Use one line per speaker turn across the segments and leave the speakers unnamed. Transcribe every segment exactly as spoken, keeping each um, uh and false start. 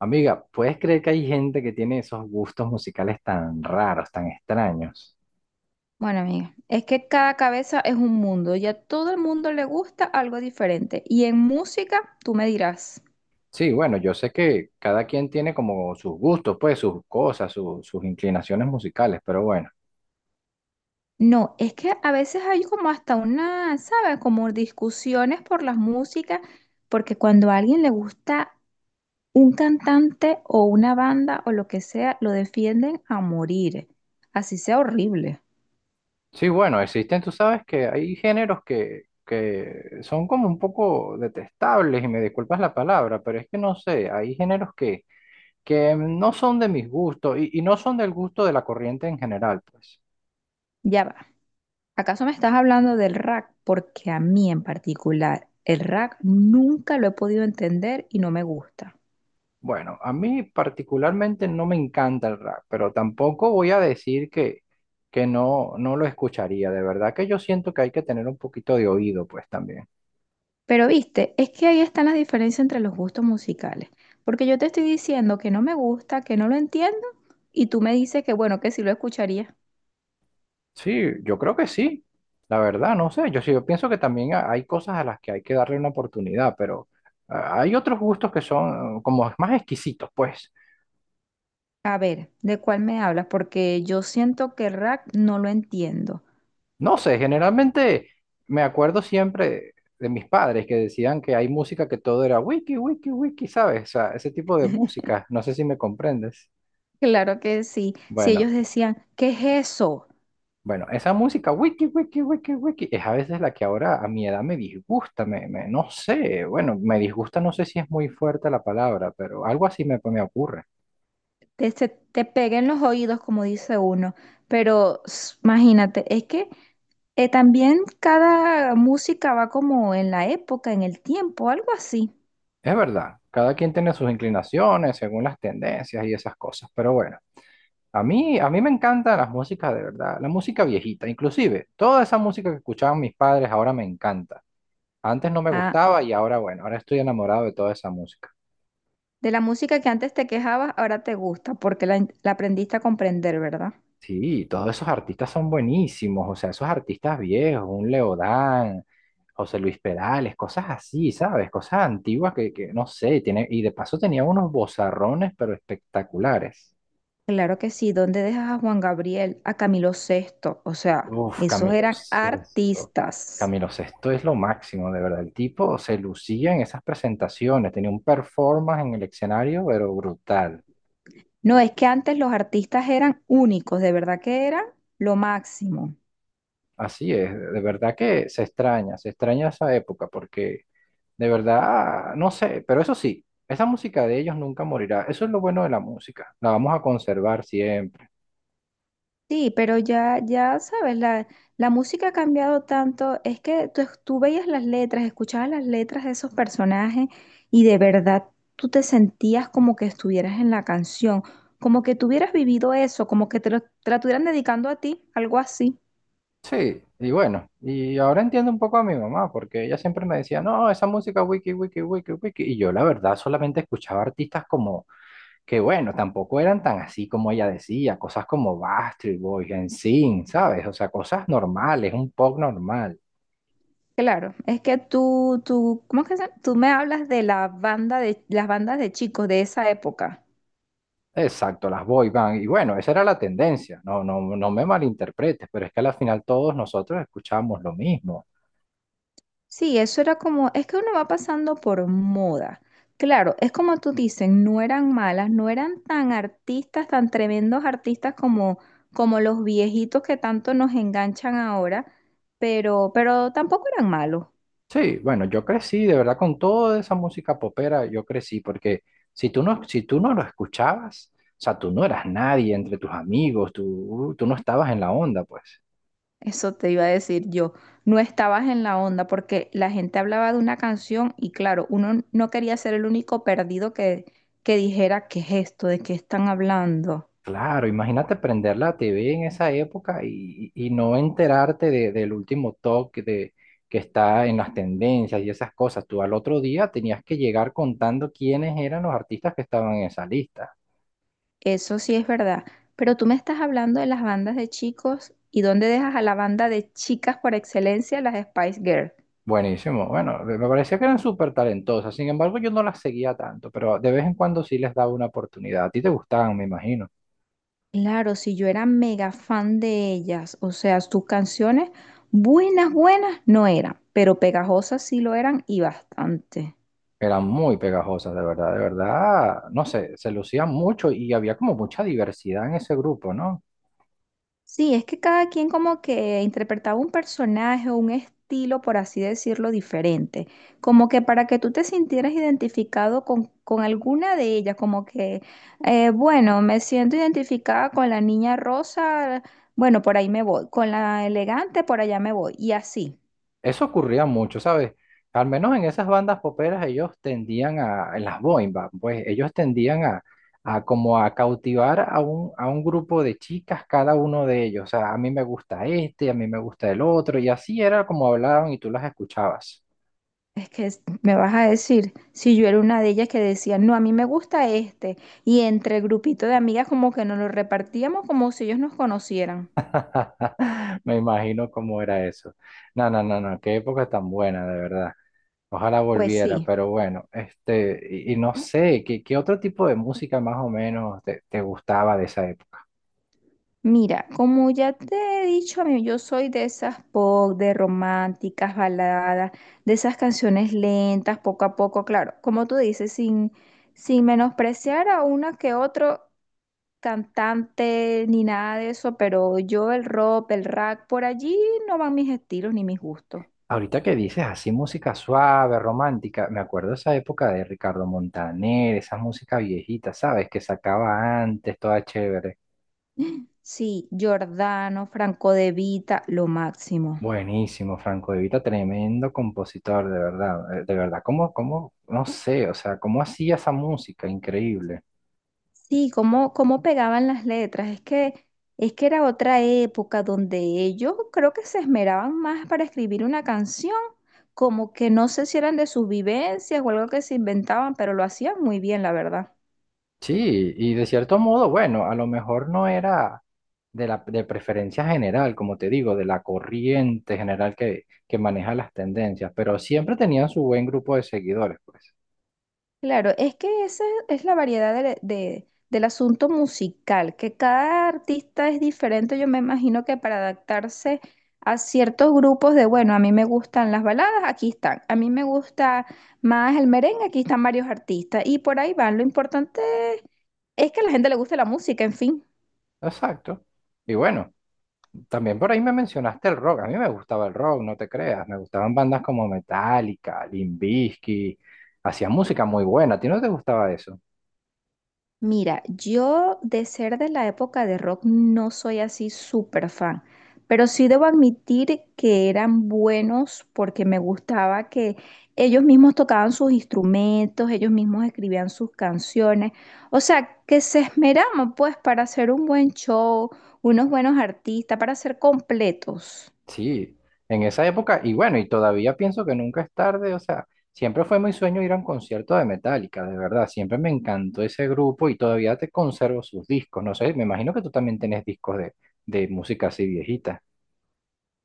Amiga, ¿puedes creer que hay gente que tiene esos gustos musicales tan raros, tan extraños?
Bueno, amiga, es que cada cabeza es un mundo y a todo el mundo le gusta algo diferente. Y en música, tú me dirás,
Sí, bueno, yo sé que cada quien tiene como sus gustos, pues sus cosas, su- sus inclinaciones musicales, pero bueno.
no, es que a veces hay como hasta una, ¿sabes? Como discusiones por las músicas, porque cuando a alguien le gusta un cantante o una banda o lo que sea, lo defienden a morir, así sea horrible.
Sí, bueno, existen, tú sabes que hay géneros que, que son como un poco detestables, y me disculpas la palabra, pero es que no sé, hay géneros que, que no son de mis gustos y, y no son del gusto de la corriente en general, pues.
Ya va. ¿Acaso me estás hablando del rap? Porque a mí en particular, el rap nunca lo he podido entender y no me gusta.
Bueno, a mí particularmente no me encanta el rap, pero tampoco voy a decir que, que no, no lo escucharía. De verdad que yo siento que hay que tener un poquito de oído, pues también.
Pero viste, es que ahí están las diferencias entre los gustos musicales. Porque yo te estoy diciendo que no me gusta, que no lo entiendo, y tú me dices que bueno, que sí lo escucharía.
Sí, yo creo que sí. La verdad, no sé. Yo sí, yo pienso que también ha- hay cosas a las que hay que darle una oportunidad, pero ah, hay otros gustos que son ah, como más exquisitos, pues.
A ver, ¿de cuál me hablas? Porque yo siento que rap no lo entiendo.
No sé, generalmente me acuerdo siempre de mis padres que decían que hay música que todo era wiki, wiki, wiki, ¿sabes? O sea, ese tipo de música, no sé si me comprendes.
Claro que sí. Si
Bueno,
ellos decían, ¿qué es eso?
bueno, esa música wiki, wiki, wiki, wiki, es a veces la que ahora a mi edad me disgusta, me, me- no sé, bueno, me disgusta, no sé si es muy fuerte la palabra, pero algo así me, me ocurre.
Te, se- te peguen los oídos, como dice uno. Pero s- imagínate, es que eh, también cada música va como en la época, en el tiempo, algo así.
Es verdad, cada quien tiene sus inclinaciones según las tendencias y esas cosas, pero bueno. A mí, a mí me encantan las músicas de verdad, la música viejita, inclusive toda esa música que escuchaban mis padres ahora me encanta. Antes no me
Ah,
gustaba y ahora bueno, ahora estoy enamorado de toda esa música.
de la música que antes te quejabas, ahora te gusta, porque la, en- la aprendiste a comprender, ¿verdad?
Sí, todos esos artistas son buenísimos, o sea, esos artistas viejos, un Leodán, José Luis Perales, cosas así, ¿sabes? Cosas antiguas que, que no sé, tiene, y de paso tenía unos vozarrones pero espectaculares.
Claro que sí. ¿Dónde dejas a Juan Gabriel, a Camilo Sesto? O sea,
Uf,
esos
Camilo
eran
Sesto.
artistas.
Camilo Sesto es lo máximo, de verdad. El tipo se lucía en esas presentaciones, tenía un performance en el escenario, pero brutal.
No, es que antes los artistas eran únicos, de verdad que eran lo máximo.
Así es, de verdad que se extraña, se extraña esa época, porque de verdad, no sé, pero eso sí, esa música de ellos nunca morirá. Eso es lo bueno de la música, la vamos a conservar siempre.
Sí, pero ya, ya sabes, la, la música ha cambiado tanto, es que tú, tú veías las letras, escuchabas las letras de esos personajes y de verdad tú te sentías como que estuvieras en la canción, como que tuvieras vivido eso, como que te lo, te la estuvieran dedicando a ti, algo así.
Sí, y bueno, y ahora entiendo un poco a mi mamá, porque ella siempre me decía, no, esa música wiki, wiki, wiki, wiki, y yo la verdad solamente escuchaba artistas como... que bueno, tampoco eran tan así como ella decía, cosas como Backstreet Boys, N SYNC, ¿sabes? O sea, cosas normales, un pop normal.
Claro, es que tú, tú, ¿cómo es que se llama? Tú me hablas de la banda de, las bandas de chicos de esa época.
Exacto, las boy band. Y bueno, esa era la tendencia, no, no, no me malinterpretes, pero es que al final todos nosotros escuchábamos lo mismo.
Sí, eso era como, es que uno va pasando por moda. Claro, es como tú dices, no eran malas, no eran tan artistas, tan tremendos artistas como, como los viejitos que tanto nos enganchan ahora, pero, pero tampoco eran malos.
Sí, bueno, yo crecí, de verdad, con toda esa música popera, yo crecí, porque si tú no, si tú no lo escuchabas, o sea, tú no eras nadie entre tus amigos, tú, tú no estabas en la onda, pues.
Eso te iba a decir yo. No estabas en la onda porque la gente hablaba de una canción y claro, uno no quería ser el único perdido que, que dijera, ¿qué es esto? ¿De qué están hablando?
Claro, imagínate prender la T V en esa época y, y no enterarte de- del último toque de, que está en las tendencias y esas cosas. Tú al otro día tenías que llegar contando quiénes eran los artistas que estaban en esa lista.
Eso sí es verdad. Pero tú me estás hablando de las bandas de chicos y dónde dejas a la banda de chicas por excelencia, las Spice Girls.
Buenísimo. Bueno, me me parecía que eran súper talentosas. Sin embargo, yo no las seguía tanto, pero de vez en cuando sí les daba una oportunidad. A ti te gustaban, me imagino.
Claro, si yo era mega fan de ellas, o sea, sus canciones buenas, buenas no eran, pero pegajosas sí lo eran y bastante.
Eran muy pegajosas, de verdad, de verdad. No sé, se lucían mucho y había como mucha diversidad en ese grupo, ¿no?
Sí, es que cada quien como que interpretaba un personaje o un estilo, por así decirlo, diferente. Como que para que tú te sintieras identificado con, con alguna de ellas, como que, eh, bueno, me siento identificada con la niña rosa, bueno, por ahí me voy, con la elegante, por allá me voy, y así.
Eso ocurría mucho, ¿sabes? Al menos en esas bandas poperas ellos tendían a, en las boy band, pues ellos tendían a, a como a cautivar a un, a un grupo de chicas cada uno de ellos. O sea, a mí me gusta este, a mí me gusta el otro, y así era como hablaban y tú las escuchabas.
Es que es- me vas a decir, si yo era una de ellas que decía, no, a mí me gusta este, y entre el grupito de amigas como que nos lo repartíamos como si ellos nos conocieran.
Me imagino cómo era eso. No, no, no, no, qué época tan buena, de verdad. Ojalá
Pues
volviera,
sí.
pero bueno, este, y, y no sé, ¿qué, qué otro tipo de música más o menos te te gustaba de esa época?
Mira, como ya te he dicho, a mí yo soy de esas pop, de románticas, baladas, de esas canciones lentas, poco a poco, claro, como tú dices, sin, sin menospreciar a una que otro cantante ni nada de eso, pero yo el rock, el rap, por allí no van mis estilos ni mis gustos.
Ahorita que dices así música suave, romántica, me acuerdo esa época de Ricardo Montaner, esa música viejita, ¿sabes? Que sacaba antes, toda chévere.
Sí, Giordano, Franco De Vita, lo máximo.
Buenísimo, Franco De Vita, tremendo compositor, de verdad, eh, de verdad, ¿cómo, cómo, no sé, o sea, ¿cómo hacía esa música? Increíble.
Sí, cómo, cómo pegaban las letras. Es que, es que era otra época donde ellos creo que se esmeraban más para escribir una canción, como que no sé si eran de sus vivencias o algo que se inventaban, pero lo hacían muy bien, la verdad.
Sí, y de cierto modo, bueno, a lo mejor no era de la de preferencia general, como te digo, de la corriente general que, que maneja las tendencias, pero siempre tenían su buen grupo de seguidores, pues.
Claro, es que esa es la variedad de- de- del asunto musical, que cada artista es diferente, yo me imagino que para adaptarse a ciertos grupos de, bueno, a mí me gustan las baladas, aquí están, a mí me gusta más el merengue, aquí están varios artistas, y por ahí van. Lo importante es que a la gente le guste la música, en fin.
Exacto. Y bueno, también por ahí me mencionaste el rock. A mí me gustaba el rock, no te creas. Me gustaban bandas como Metallica, Limp Bizkit. Hacían música muy buena. ¿A ti no te gustaba eso?
Mira, yo de ser de la época de rock no soy así súper fan, pero sí debo admitir que eran buenos porque me gustaba que ellos mismos tocaban sus instrumentos, ellos mismos escribían sus canciones, o sea, que se esmeraban pues para hacer un buen show, unos buenos artistas, para ser completos.
Sí, en esa época. Y bueno, y todavía pienso que nunca es tarde. O sea, siempre fue mi sueño ir a un concierto de Metallica, de verdad. Siempre me encantó ese grupo y todavía te conservo sus discos. No sé, me imagino que tú también tenés discos de, de música así viejita.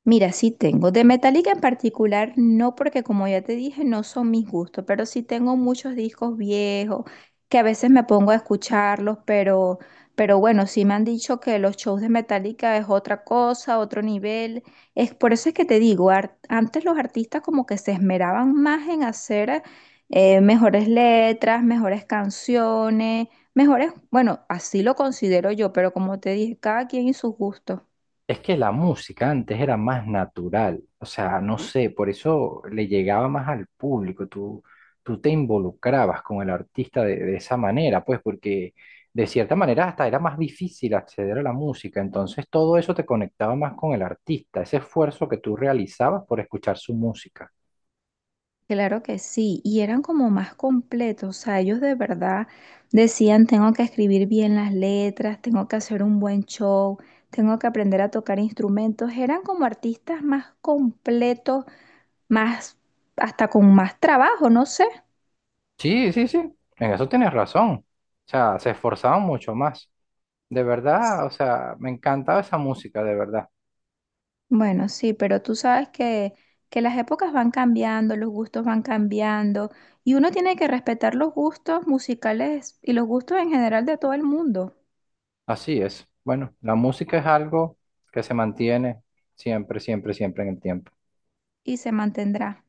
Mira, sí tengo. De Metallica en particular, no porque como ya te dije, no son mis gustos, pero sí tengo muchos discos viejos que a veces me pongo a escucharlos, pero, pero bueno, sí me han dicho que los shows de Metallica es otra cosa, otro nivel. Es por eso es que te digo, ar- antes los artistas como que se esmeraban más en hacer eh, mejores letras, mejores canciones, mejores, bueno, así lo considero yo, pero como te dije, cada quien y sus gustos.
Es que la música antes era más natural, o sea, no sé, por eso le llegaba más al público, tú, tú te involucrabas con el artista de, de esa manera, pues porque de cierta manera hasta era más difícil acceder a la música, entonces todo eso te conectaba más con el artista, ese esfuerzo que tú realizabas por escuchar su música.
Claro que sí, y eran como más completos, o sea, ellos de verdad decían, tengo que escribir bien las letras, tengo que hacer un buen show, tengo que aprender a tocar instrumentos, eran como artistas más completos, más, hasta con más trabajo, no sé.
Sí, sí, sí, en eso tienes razón, o sea, se esforzaban mucho más, de verdad, o sea, me encantaba esa música, de verdad.
Bueno, sí, pero tú sabes que, que las épocas van cambiando, los gustos van cambiando, y uno tiene que respetar los gustos musicales y los gustos en general de todo el mundo,
Así es. Bueno, la música es algo que se mantiene siempre, siempre, siempre en el tiempo.
y se mantendrá.